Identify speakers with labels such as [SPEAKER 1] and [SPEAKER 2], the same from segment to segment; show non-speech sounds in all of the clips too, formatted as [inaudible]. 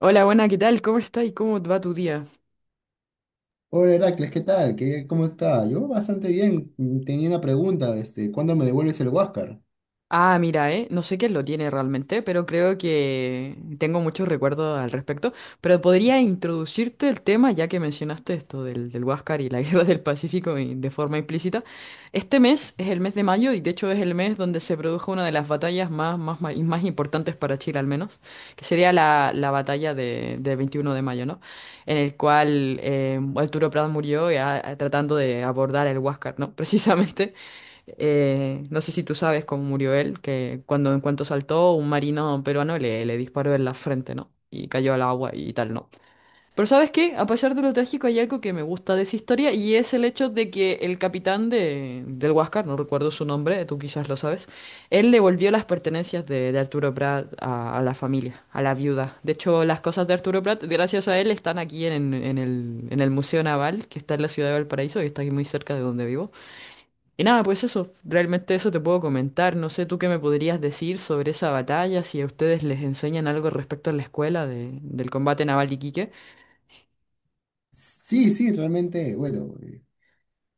[SPEAKER 1] Hola, buena, ¿qué tal? ¿Cómo estás y cómo va tu día?
[SPEAKER 2] Hola Heracles, ¿qué tal? ¿Cómo está? Yo bastante bien. Tenía una pregunta, ¿cuándo me devuelves el Huáscar?
[SPEAKER 1] Ah, mira, no sé qué lo tiene realmente, pero creo que tengo muchos recuerdos al respecto. Pero podría introducirte el tema, ya que mencionaste esto del Huáscar y la [laughs] Guerra del Pacífico de forma implícita. Este mes es el mes de mayo y de hecho es el mes donde se produjo una de las batallas más y más importantes para Chile al menos, que sería la batalla de 21 de mayo, ¿no? En el cual Arturo Prat murió tratando de abordar el Huáscar, ¿no? [laughs] Precisamente. No sé si tú sabes cómo murió él, que cuando en cuanto saltó, un marino peruano le disparó en la frente, ¿no? Y cayó al agua y tal, ¿no? Pero ¿sabes qué? A pesar de lo trágico, hay algo que me gusta de esa historia y es el hecho de que el capitán del Huáscar, no recuerdo su nombre, tú quizás lo sabes, él devolvió las pertenencias de Arturo Prat a la familia, a la viuda. De hecho, las cosas de Arturo Prat, gracias a él, están aquí en el Museo Naval, que está en la ciudad de Valparaíso, que está aquí muy cerca de donde vivo. Y nada, pues eso, realmente eso te puedo comentar. No sé tú qué me podrías decir sobre esa batalla, si a ustedes les enseñan algo respecto a la escuela del combate naval de Iquique.
[SPEAKER 2] Sí, sí, realmente, bueno,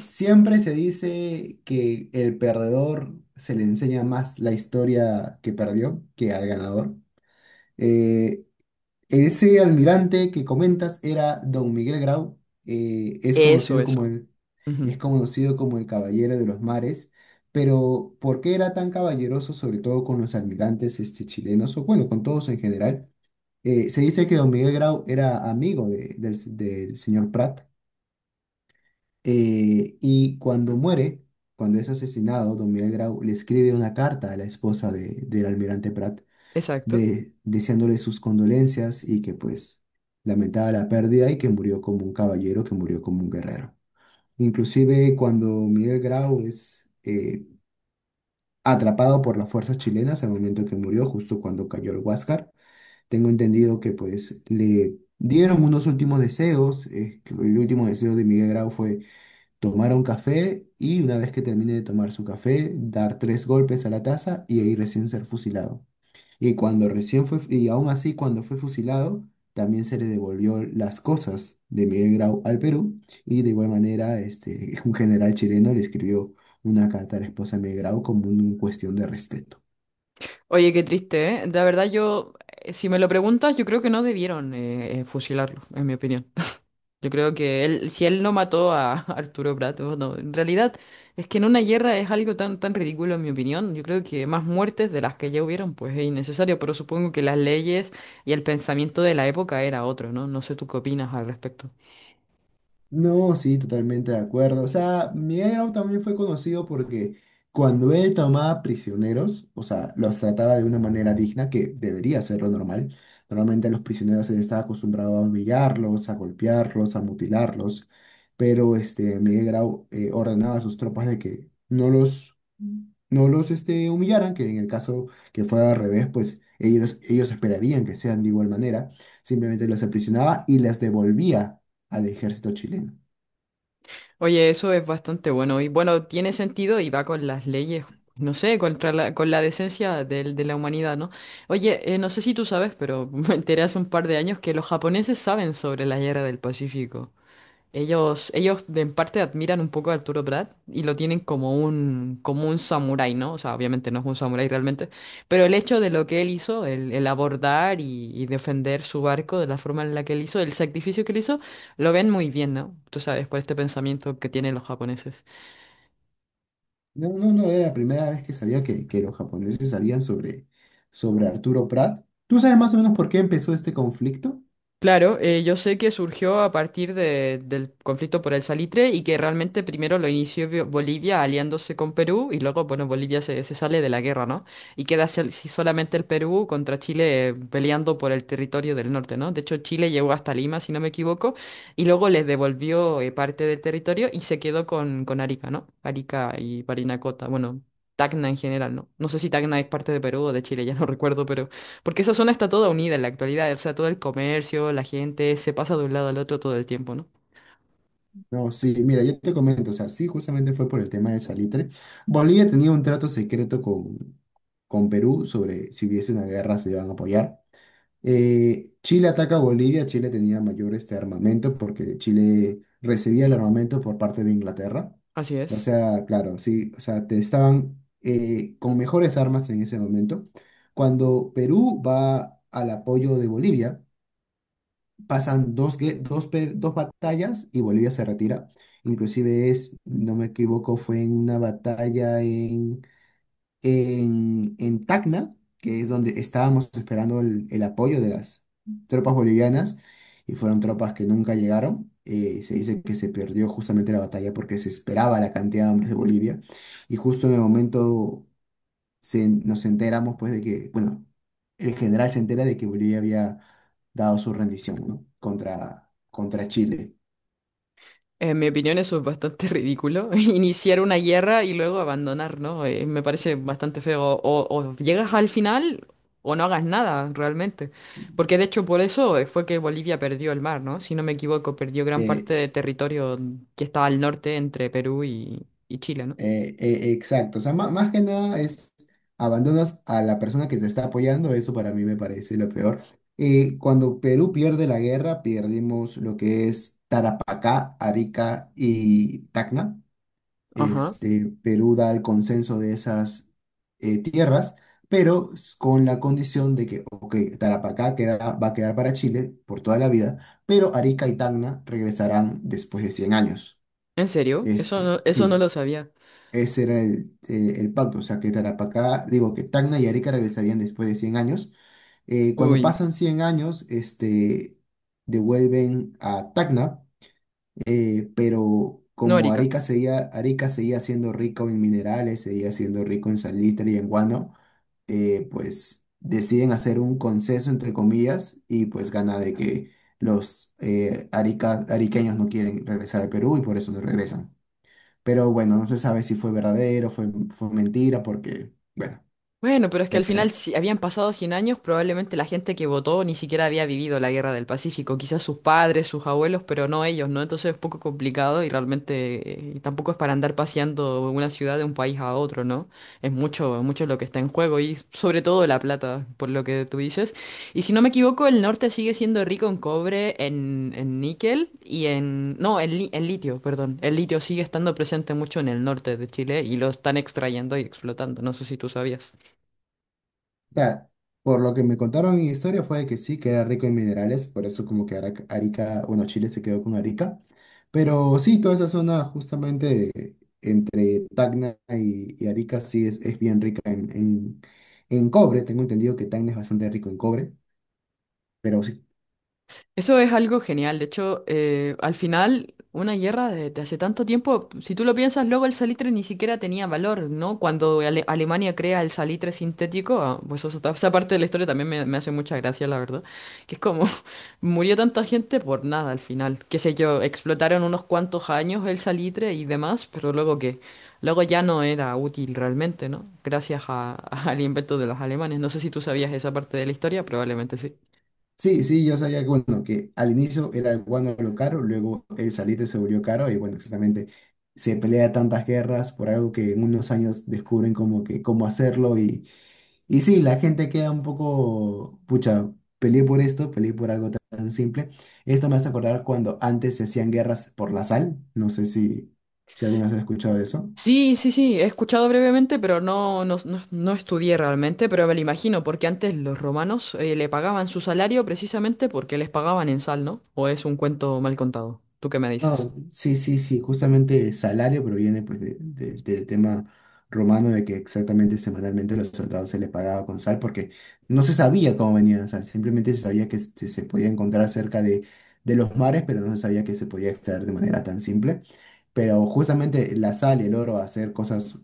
[SPEAKER 2] siempre se dice que el perdedor se le enseña más la historia que perdió que al ganador. Eh, Ese almirante que comentas era don Miguel Grau,
[SPEAKER 1] Eso, eso. Ujú.
[SPEAKER 2] es conocido como el Caballero de los Mares, pero ¿por qué era tan caballeroso, sobre todo con los almirantes chilenos, o bueno, con todos en general? Se dice que don Miguel Grau era amigo del señor Prat, y cuando muere, cuando es asesinado, don Miguel Grau le escribe una carta a la esposa del almirante Prat
[SPEAKER 1] Exacto.
[SPEAKER 2] deseándole sus condolencias y que pues lamentaba la pérdida y que murió como un caballero, que murió como un guerrero. Inclusive cuando Miguel Grau es atrapado por las fuerzas chilenas al momento que murió, justo cuando cayó el Huáscar, tengo entendido que pues le dieron unos últimos deseos, que el último deseo de Miguel Grau fue tomar un café y una vez que termine de tomar su café, dar tres golpes a la taza y ahí recién ser fusilado. Y aún así cuando fue fusilado, también se le devolvió las cosas de Miguel Grau al Perú. Y de igual manera, [laughs] un general chileno le escribió una carta a la esposa de Miguel Grau como una cuestión de respeto.
[SPEAKER 1] Oye, qué triste, ¿eh? La verdad yo, si me lo preguntas, yo creo que no debieron fusilarlo, en mi opinión. Yo creo que él, si él no mató a [laughs] Arturo Prat, oh, no, en realidad es que en una guerra es algo tan, tan ridículo en mi opinión. Yo creo que más muertes de las que ya hubieron, pues es innecesario, pero supongo que las leyes y el pensamiento de la época era otro, ¿no? No sé tú qué opinas al respecto.
[SPEAKER 2] No, sí, totalmente de acuerdo. O sea, Miguel Grau también fue conocido porque cuando él tomaba prisioneros, o sea, los trataba de una manera digna, que debería ser lo normal. Normalmente a los prisioneros se les estaba acostumbrado a humillarlos, a golpearlos, a mutilarlos, pero Miguel Grau ordenaba a sus tropas de que no los humillaran, que en el caso que fuera al revés, pues ellos esperarían que sean de igual manera. Simplemente los aprisionaba y les devolvía al ejército chileno.
[SPEAKER 1] Oye, eso es bastante bueno y bueno, tiene sentido y va con las leyes, no sé, con la decencia la humanidad, ¿no? Oye, no sé si tú sabes, pero [laughs] me enteré hace un par de años que los japoneses saben sobre la guerra del Pacífico. Ellos de en parte admiran un poco a Arturo Prat y lo tienen como un samurái, ¿no? O sea, obviamente no es un samurái realmente, pero el hecho de lo que él hizo, el abordar y defender su barco de la forma en la que él hizo, el sacrificio que él hizo, lo ven muy bien, ¿no? Tú sabes, por este pensamiento que tienen los japoneses.
[SPEAKER 2] No, no, no, era la primera vez que sabía que los japoneses sabían sobre Arturo Prat. ¿Tú sabes más o menos por qué empezó este conflicto?
[SPEAKER 1] Claro, yo sé que surgió a partir del conflicto por el salitre y que realmente primero lo inició Bolivia aliándose con Perú y luego, bueno, Bolivia se sale de la guerra, ¿no? Y queda solamente el Perú contra Chile peleando por el territorio del norte, ¿no? De hecho, Chile llegó hasta Lima, si no me equivoco, y luego les devolvió parte del territorio y se quedó con Arica, ¿no? Arica y Parinacota, bueno, Tacna en general, ¿no? No sé si Tacna es parte de Perú o de Chile, [laughs] ya no recuerdo, pero... Porque esa zona está toda unida en la actualidad, o sea, todo el comercio, la gente se pasa de un lado al otro todo el tiempo, ¿no?
[SPEAKER 2] No, sí, mira, yo te comento, o sea, sí, justamente fue por el tema del salitre. Bolivia tenía un trato secreto con Perú sobre si hubiese una guerra se iban a apoyar. Chile ataca a Bolivia, Chile tenía mayor armamento porque Chile recibía el armamento por parte de Inglaterra.
[SPEAKER 1] Así
[SPEAKER 2] O
[SPEAKER 1] es.
[SPEAKER 2] sea, claro, sí, o sea, te estaban con mejores armas en ese momento. Cuando Perú va al apoyo de Bolivia, pasan dos, gue- dos, pe- dos batallas y Bolivia se retira. Inclusive no me equivoco, fue en una batalla en Tacna, que es donde estábamos esperando el apoyo de las tropas bolivianas, y fueron tropas que nunca llegaron. Se dice que se perdió justamente la batalla porque se esperaba la cantidad de hombres de Bolivia, y justo en el momento nos enteramos pues de que, bueno, el general se entera de que Bolivia había dado su rendición, ¿no? Contra Chile.
[SPEAKER 1] En mi opinión eso es bastante ridículo, [laughs] iniciar una guerra y luego abandonar, ¿no? Me parece bastante feo. O llegas al final o no hagas nada realmente. Porque de hecho por eso fue que Bolivia perdió el mar, ¿no? Si no me equivoco, perdió gran parte
[SPEAKER 2] Eh,
[SPEAKER 1] de territorio que está al norte entre Perú y Chile, ¿no?
[SPEAKER 2] Exacto, o sea, más, que nada es abandonas a la persona que te está apoyando, eso para mí me parece lo peor. Cuando Perú pierde la guerra, perdimos lo que es Tarapacá, Arica y Tacna.
[SPEAKER 1] Ajá.
[SPEAKER 2] Perú da el consenso de esas tierras, pero con la condición de que, ok, Tarapacá queda, va a quedar para Chile por toda la vida, pero Arica y Tacna regresarán después de 100 años.
[SPEAKER 1] ¿En serio? Eso no
[SPEAKER 2] Sí,
[SPEAKER 1] lo sabía.
[SPEAKER 2] ese era el pacto, o sea, que Tarapacá, digo, que Tacna y Arica regresarían después de 100 años. Cuando
[SPEAKER 1] Uy.
[SPEAKER 2] pasan 100 años, devuelven a Tacna, pero
[SPEAKER 1] No.
[SPEAKER 2] como Arica seguía siendo rico en minerales, seguía siendo rico en salitre y en guano, pues deciden hacer un conceso, entre comillas, y pues gana de que los ariqueños no quieren regresar al Perú y por eso no regresan. Pero bueno, no se sabe si fue verdadero, fue mentira, porque, bueno,
[SPEAKER 1] Bueno, pero es que al
[SPEAKER 2] pero,
[SPEAKER 1] final, si habían pasado 100 años, probablemente la gente que votó ni siquiera había vivido la Guerra del Pacífico. Quizás sus padres, sus abuelos, pero no ellos, ¿no? Entonces es un poco complicado y realmente tampoco es para andar paseando una ciudad de un país a otro, ¿no? Es mucho, mucho lo que está en juego y sobre todo la plata, por lo que tú dices. Y si no me equivoco, el norte sigue siendo rico en cobre, en níquel y en... No, en litio, perdón. El litio sigue estando presente mucho en el norte de Chile y lo están extrayendo y explotando. No sé si tú sabías.
[SPEAKER 2] o sea, por lo que me contaron en historia fue de que sí, que era rico en minerales, por eso como que Arica, bueno, Chile se quedó con Arica. Pero sí, toda esa zona justamente entre Tacna y Arica sí es bien rica en cobre. Tengo entendido que Tacna es bastante rico en cobre, pero sí.
[SPEAKER 1] Eso es algo genial. De hecho, al final, una guerra de hace tanto tiempo, si tú lo piensas, luego el salitre ni siquiera tenía valor, ¿no? Cuando Alemania crea el salitre sintético, pues eso esa parte de la historia también me hace mucha gracia, la verdad. Que es como, [laughs] murió tanta gente por nada al final. Qué sé yo, explotaron unos cuantos años el salitre y demás, pero luego ya no era útil realmente, ¿no? Gracias [laughs] al invento de los alemanes. No sé si tú sabías esa parte de la historia, probablemente sí.
[SPEAKER 2] Sí, sí, yo sabía que, bueno, que al inicio era el guano lo caro, luego el salite se volvió caro y bueno, exactamente se pelea tantas guerras por algo que en unos años descubren como que cómo hacerlo y sí, la gente queda un poco, pucha, peleé por esto, peleé por algo tan, tan simple. Esto me hace acordar cuando antes se hacían guerras por la sal, no sé si alguna vez has escuchado de eso.
[SPEAKER 1] Sí, sí, sí, he escuchado brevemente, pero no estudié realmente, pero me lo imagino, porque antes los romanos le pagaban su salario precisamente porque les pagaban en sal, ¿no? ¿O es un cuento mal contado? ¿Tú qué me dices?
[SPEAKER 2] No, sí, sí, sí, justamente salario proviene pues del tema romano de que exactamente semanalmente a los soldados se les pagaba con sal porque no se sabía cómo venía la sal, simplemente se sabía que se podía encontrar cerca de los mares, pero no se sabía que se podía extraer de manera tan simple. Pero justamente la sal y el oro, a hacer cosas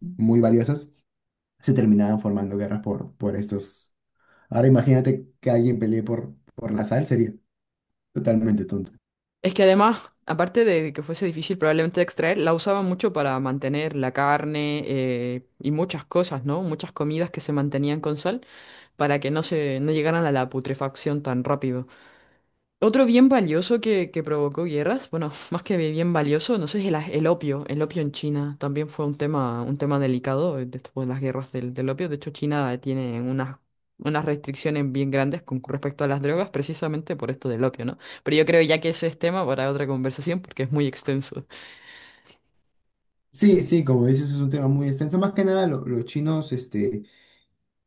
[SPEAKER 2] muy valiosas, se terminaban formando guerras por estos. Ahora imagínate que alguien pelee por la sal, sería totalmente tonto.
[SPEAKER 1] Es que además, aparte de que fuese difícil probablemente de extraer, la usaban mucho para mantener la carne y muchas cosas, ¿no? Muchas comidas que se mantenían con sal para que no se, no llegaran a la putrefacción tan rápido. Otro bien valioso que provocó guerras, bueno, [laughs] más que bien valioso, no sé, es el opio. El opio en China también fue un tema delicado después de las guerras del opio. De hecho, China tiene unas restricciones bien grandes con respecto a las drogas, precisamente por esto del opio, ¿no? Pero yo creo ya que ese es tema para otra conversación porque es muy extenso.
[SPEAKER 2] Sí, sí, como dices, es un tema muy extenso. Más que nada, los chinos,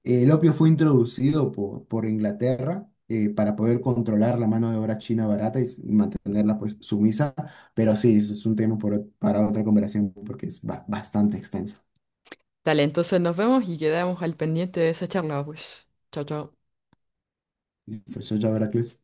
[SPEAKER 2] el opio fue introducido por Inglaterra para poder controlar la mano de obra china barata y mantenerla pues sumisa. Pero sí, ese es un tema por para otra conversación porque es bastante extenso.
[SPEAKER 1] Dale, entonces nos vemos y quedamos al pendiente de esa charla, pues. Chao, chao.
[SPEAKER 2] Listo, chao, chao, Heracles.